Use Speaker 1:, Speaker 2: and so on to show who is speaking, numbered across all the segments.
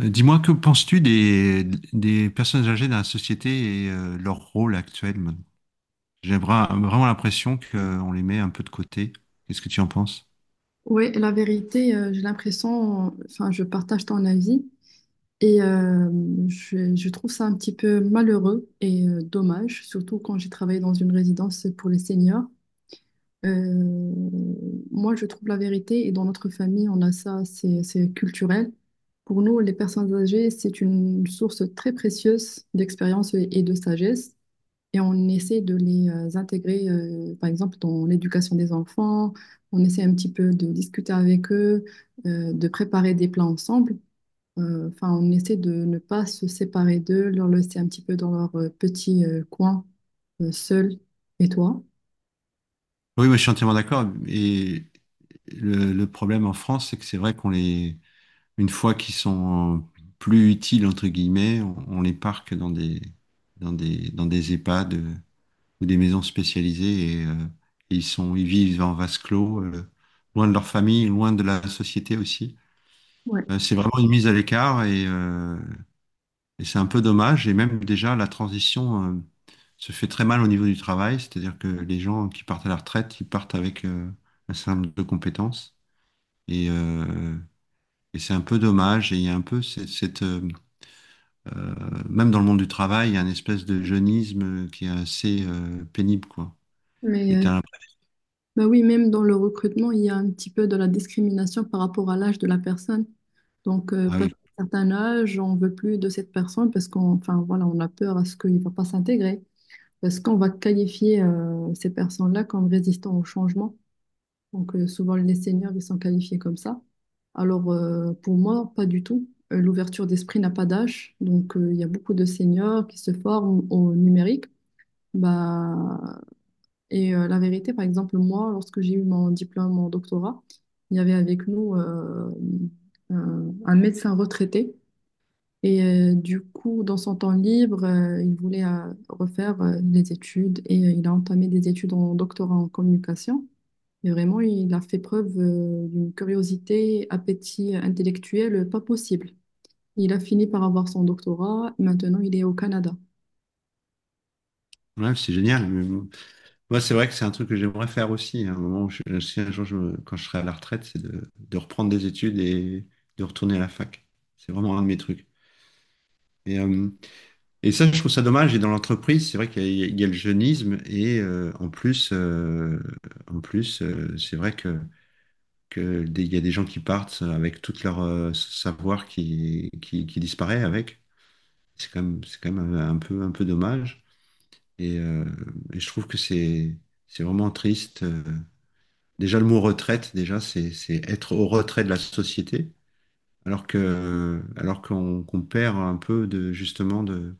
Speaker 1: Dis-moi, que penses-tu des personnes âgées dans la société et leur rôle actuel maintenant? J'ai vraiment l'impression qu'on les met un peu de côté. Qu'est-ce que tu en penses?
Speaker 2: Oui, la vérité, j'ai l'impression, enfin, je partage ton avis et je trouve ça un petit peu malheureux et dommage, surtout quand j'ai travaillé dans une résidence pour les seniors. Euh, Moi, je trouve la vérité et dans notre famille, on a ça, c'est culturel. Pour nous, les personnes âgées, c'est une source très précieuse d'expérience et de sagesse et on essaie de les intégrer, par exemple, dans l'éducation des enfants. On essaie un petit peu de discuter avec eux, de préparer des plats ensemble. Enfin, on essaie de ne pas se séparer d'eux, leur laisser un petit peu dans leur petit coin, seul. Et toi?
Speaker 1: Oui, moi, je suis entièrement d'accord. Et le problème en France, c'est que c'est vrai une fois qu'ils sont plus utiles, entre guillemets, on les parque dans des EHPAD ou des maisons spécialisées et ils vivent en vase clos, loin de leur famille, loin de la société aussi.
Speaker 2: Ouais.
Speaker 1: C'est vraiment une mise à l'écart et c'est un peu dommage. Et même déjà, la transition se fait très mal au niveau du travail, c'est-à-dire que les gens qui partent à la retraite, ils partent avec un certain nombre de compétences. Et, euh, et c'est un peu dommage. Et il y a un peu euh, même dans le monde du travail, il y a une espèce de jeunisme qui est assez pénible, quoi.
Speaker 2: Mais
Speaker 1: Et
Speaker 2: euh,
Speaker 1: t'as l'impression-
Speaker 2: Bah oui, même dans le recrutement, il y a un petit peu de la discrimination par rapport à l'âge de la personne. Donc,
Speaker 1: ah
Speaker 2: passé
Speaker 1: oui,
Speaker 2: un certain âge, on veut plus de cette personne parce qu'on, enfin, voilà, on a peur à ce qu'il ne va pas s'intégrer. Est-ce qu'on va qualifier ces personnes-là comme résistants au changement? Donc, souvent, les seniors, ils sont qualifiés comme ça. Alors, pour moi, pas du tout. L'ouverture d'esprit n'a pas d'âge. Donc, il y a beaucoup de seniors qui se forment au numérique. Bah, et la vérité, par exemple, moi, lorsque j'ai eu mon diplôme en doctorat, il y avait avec nous un médecin retraité et du coup, dans son temps libre, il voulait refaire les études et il a entamé des études en doctorat en communication. Et vraiment, il a fait preuve d'une curiosité, appétit intellectuel pas possible. Il a fini par avoir son doctorat. Maintenant, il est au Canada.
Speaker 1: ouais, c'est génial. Moi, c'est vrai que c'est un truc que j'aimerais faire aussi. À un moment, si un jour, je me- quand je serai à la retraite, c'est de reprendre des études et de retourner à la fac. C'est vraiment un de mes trucs. Et, euh, et ça, je trouve ça dommage. Et dans l'entreprise, c'est vrai qu'il y a le jeunisme. En plus, c'est vrai que il y a des gens qui partent avec tout leur savoir qui disparaît avec. C'est quand même un peu dommage. Et, euh, et je trouve que c'est vraiment triste. Déjà, le mot retraite, déjà, c'est être au retrait de la société, alors qu'on perd un peu, de justement, de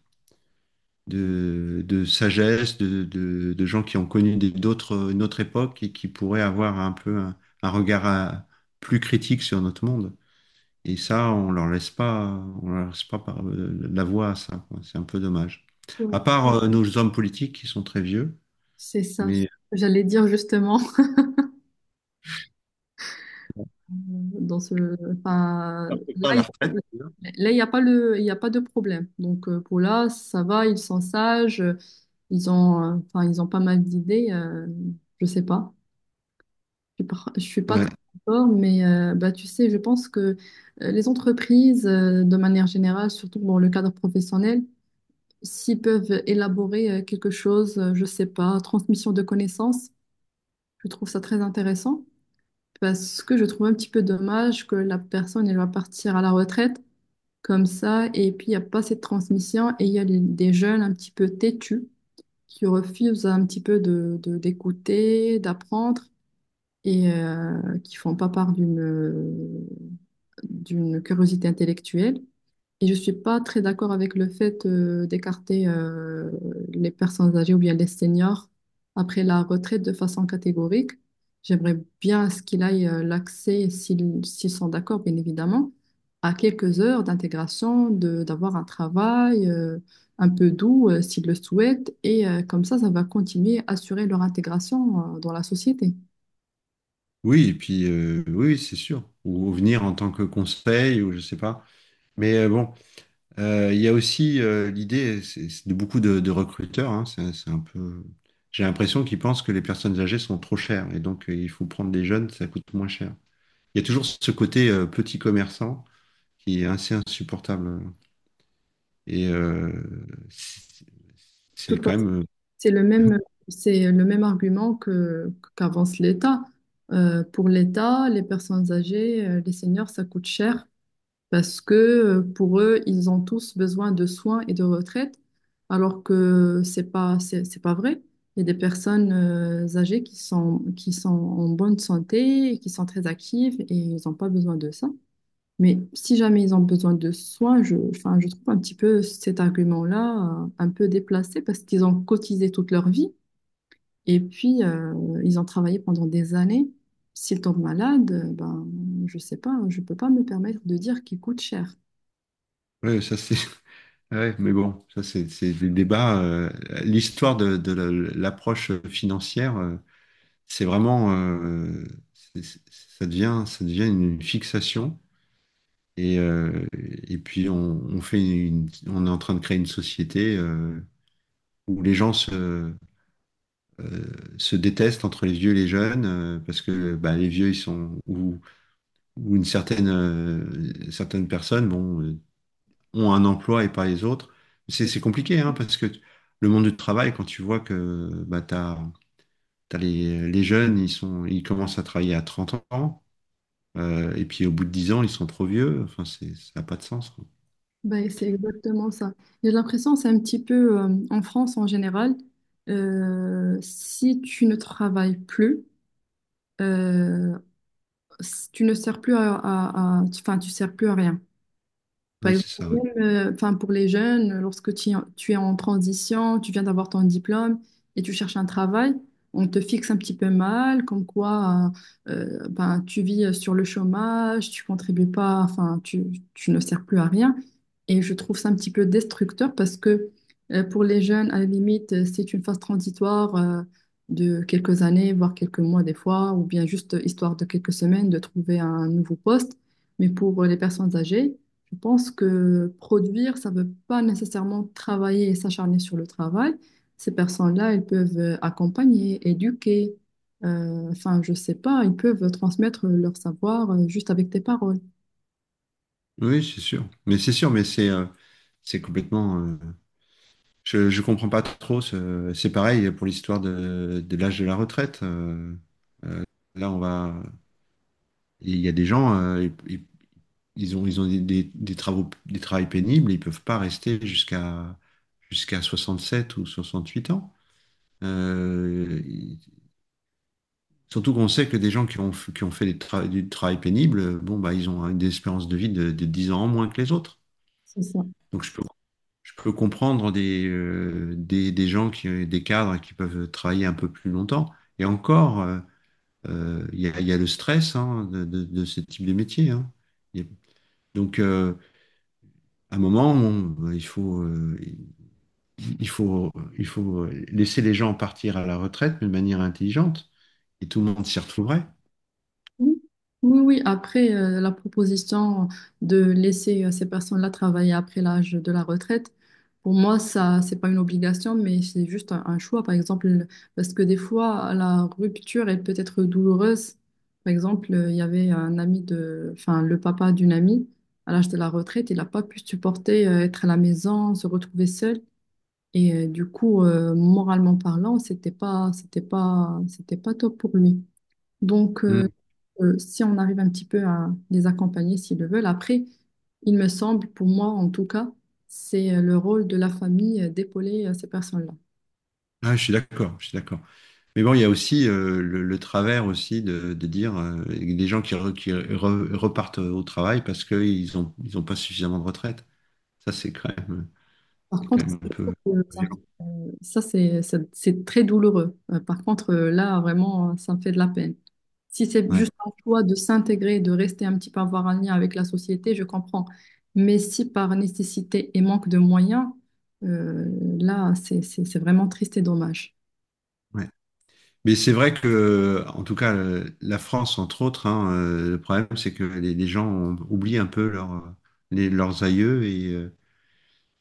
Speaker 1: de, de sagesse, de gens qui ont connu des- d'autres une autre époque et qui pourraient avoir un peu un regard plus critique sur notre monde. Et ça, on leur laisse pas la voie à ça, quoi. C'est un peu dommage. À
Speaker 2: Ouais.
Speaker 1: part nos hommes politiques qui sont très vieux,
Speaker 2: C'est ça.
Speaker 1: mais
Speaker 2: J'allais dire justement. Dans ce, enfin,
Speaker 1: on ne
Speaker 2: là,
Speaker 1: pas à la retraite.
Speaker 2: y a pas il y a pas de problème. Donc, pour là, ça va, ils sont sages, enfin, ils ont pas mal d'idées, je sais pas. Je suis pas
Speaker 1: Ouais.
Speaker 2: très d'accord, mais bah, tu sais, je pense que les entreprises, de manière générale, surtout dans le cadre professionnel, s'ils peuvent élaborer quelque chose, je sais pas, transmission de connaissances, je trouve ça très intéressant parce que je trouve un petit peu dommage que la personne, elle va partir à la retraite comme ça, et puis il n'y a pas cette transmission, et il y a des jeunes un petit peu têtus qui refusent un petit peu de, d'écouter, d'apprendre, et qui font pas part d'une, d'une curiosité intellectuelle. Et je suis pas très d'accord avec le fait d'écarter les personnes âgées ou bien les seniors après la retraite de façon catégorique. J'aimerais bien à ce qu'il aille l'accès, s'ils sont d'accord, bien évidemment, à quelques heures d'intégration, de d'avoir un travail un peu doux s'ils le souhaitent. Et comme ça va continuer à assurer leur intégration dans la société.
Speaker 1: Oui, et puis oui, oui, c'est sûr. Ou venir en tant que conseil, ou je sais pas. Mais bon, il y a aussi l'idée c'est de beaucoup de recruteurs, hein, c'est un peu. J'ai l'impression qu'ils pensent que les personnes âgées sont trop chères et donc il faut prendre des jeunes, ça coûte moins cher. Il y a toujours ce côté petit commerçant qui est assez insupportable. Et euh, c'est c'est quand même.
Speaker 2: C'est le même, c'est le même argument qu'avance l'État. Pour l'État, les personnes âgées, les seniors, ça coûte cher parce que pour eux, ils ont tous besoin de soins et de retraite, alors que c'est pas vrai. Il y a des personnes âgées qui sont en bonne santé, et qui sont très actives et ils n'ont pas besoin de ça. Mais si jamais ils ont besoin de soins, je, enfin, je trouve un petit peu cet argument-là un peu déplacé parce qu'ils ont cotisé toute leur vie. Et puis, ils ont travaillé pendant des années. S'ils tombent malades, ben, je sais pas, je peux pas me permettre de dire qu'ils coûtent cher.
Speaker 1: Ouais, ça c'est. Ouais, mais bon, ça c'est des débats. L'histoire de l'approche financière. C'est vraiment, ça devient une fixation. Et puis on fait on est en train de créer une société où les gens euh, se détestent entre les vieux et les jeunes parce que bah, les vieux ils sont ou une certaine certaines personnes ont un emploi et pas les autres. C'est compliqué, hein, parce que le monde du travail, quand tu vois que bah, t'as les jeunes ils commencent à travailler à 30 ans. Et puis au bout de 10 ans, ils sont trop vieux. Enfin, ça n'a pas de sens, quoi.
Speaker 2: Ben, c'est exactement ça. J'ai l'impression, c'est un petit peu, en France en général, si tu ne travailles plus, euh, si tu ne sers plus à, enfin, tu sers plus à rien. Par
Speaker 1: Ouais,
Speaker 2: exemple,
Speaker 1: c'est ça, ouais.
Speaker 2: enfin, pour les jeunes, lorsque tu es en transition, tu viens d'avoir ton diplôme et tu cherches un travail, on te fixe un petit peu mal, comme quoi ben, tu vis sur le chômage, tu contribues pas, enfin, tu ne sers plus à rien. Et je trouve ça un petit peu destructeur parce que pour les jeunes, à la limite, c'est une phase transitoire de quelques années, voire quelques mois des fois, ou bien juste histoire de quelques semaines de trouver un nouveau poste. Mais pour les personnes âgées, je pense que produire, ça ne veut pas nécessairement travailler et s'acharner sur le travail. Ces personnes-là, elles peuvent accompagner, éduquer, enfin, je sais pas, ils peuvent transmettre leur savoir juste avec des paroles.
Speaker 1: Oui, c'est sûr. Mais c'est sûr, c'est complètement. Je comprends pas trop. C'est pareil pour l'histoire de l'âge de la retraite. Là, on va. Il y a des gens, ils ont des travails pénibles. Ils peuvent pas rester jusqu'à 67 ou 68 ans. Euh, Surtout qu'on sait que des gens qui ont fait du travail pénible, bon, bah, ils ont, hein, des espérances de vie de 10 ans en moins que les autres.
Speaker 2: C'est ça.
Speaker 1: Donc je peux comprendre des cadres qui peuvent travailler un peu plus longtemps. Et encore, il y a, le stress, hein, de ce type de métier, hein. Il y a- donc à un moment, il faut, il faut laisser les gens partir à la retraite mais de manière intelligente et tout le monde s'y retrouverait.
Speaker 2: Oui, oui, oui. Après, la proposition de laisser ces personnes-là travailler après l'âge de la retraite, pour moi, ça, c'est pas une obligation, mais c'est juste un choix, par exemple, parce que des fois, la rupture est peut-être douloureuse. Par exemple, il y avait un ami de, enfin, le papa d'une amie, à l'âge de la retraite, il n'a pas pu supporter être à la maison, se retrouver seul. Et du coup, moralement parlant, c'était pas top pour lui. Donc,
Speaker 1: Hmm.
Speaker 2: si on arrive un petit peu à les accompagner s'ils le veulent. Après, il me semble, pour moi en tout cas, c'est le rôle de la famille d'épauler ces personnes-là.
Speaker 1: Ah, je suis d'accord, je suis d'accord. Mais bon, il y a aussi le travers aussi de dire des gens qui repartent au travail parce qu'ils ont ils ont pas suffisamment de retraite. Ça, c'est quand même
Speaker 2: Par
Speaker 1: c'est quand
Speaker 2: contre,
Speaker 1: même un
Speaker 2: je
Speaker 1: peu
Speaker 2: trouve que
Speaker 1: violent.
Speaker 2: ça, c'est très douloureux. Par contre, là, vraiment, ça me fait de la peine. Si c'est
Speaker 1: Ouais,
Speaker 2: juste un choix de s'intégrer, de rester un petit peu, avoir un lien avec la société, je comprends. Mais si par nécessité et manque de moyens, euh, là, c'est vraiment triste et dommage.
Speaker 1: ouais. Mais c'est vrai que, en tout cas, la France, entre autres, hein, le problème, c'est que les gens oublient un peu leurs aïeux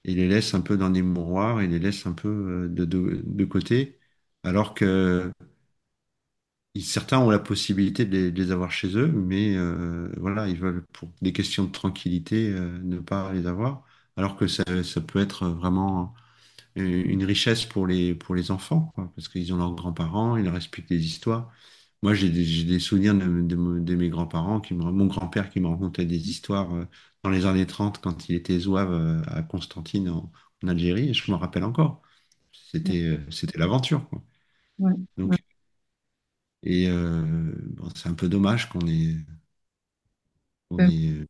Speaker 1: et les laissent un peu dans des mouroirs et les laissent un peu de côté. Alors que certains ont la possibilité de les avoir chez eux, mais voilà, ils veulent, pour des questions de tranquillité, ne pas les avoir, alors que ça peut être vraiment une richesse pour les enfants, quoi, parce qu'ils ont leurs grands-parents, ils leur expliquent des histoires. Moi, j'ai des souvenirs de mes grands-parents, mon grand-père qui me racontait des histoires dans les années 30 quand il était zouave à Constantine en Algérie, et je m'en rappelle encore.
Speaker 2: Ouais,
Speaker 1: C'était l'aventure, quoi.
Speaker 2: ouais.
Speaker 1: Donc, et euh, bon, c'est un peu dommage qu'on ait, on
Speaker 2: Ouais.
Speaker 1: est.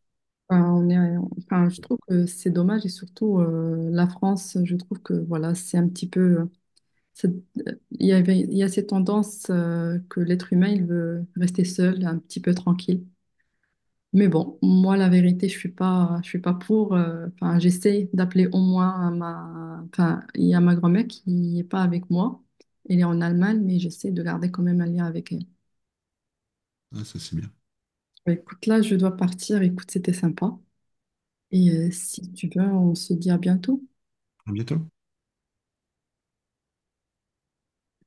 Speaker 2: Enfin, on est, enfin, je trouve que c'est dommage et surtout la France, je trouve que voilà, c'est un petit peu, c'est- il y avait, il y a cette tendance que l'être humain il veut rester seul, un petit peu tranquille. Mais bon, moi la vérité, je suis pas pour. Enfin, j'essaie d'appeler au moins à ma, enfin, il y a ma grand-mère qui est pas avec moi. Elle est en Allemagne, mais j'essaie de garder quand même un lien avec elle.
Speaker 1: Ah, ça c'est bien.
Speaker 2: Bah, écoute, là, je dois partir. Écoute, c'était sympa. Et si tu veux, on se dit à bientôt.
Speaker 1: À bientôt.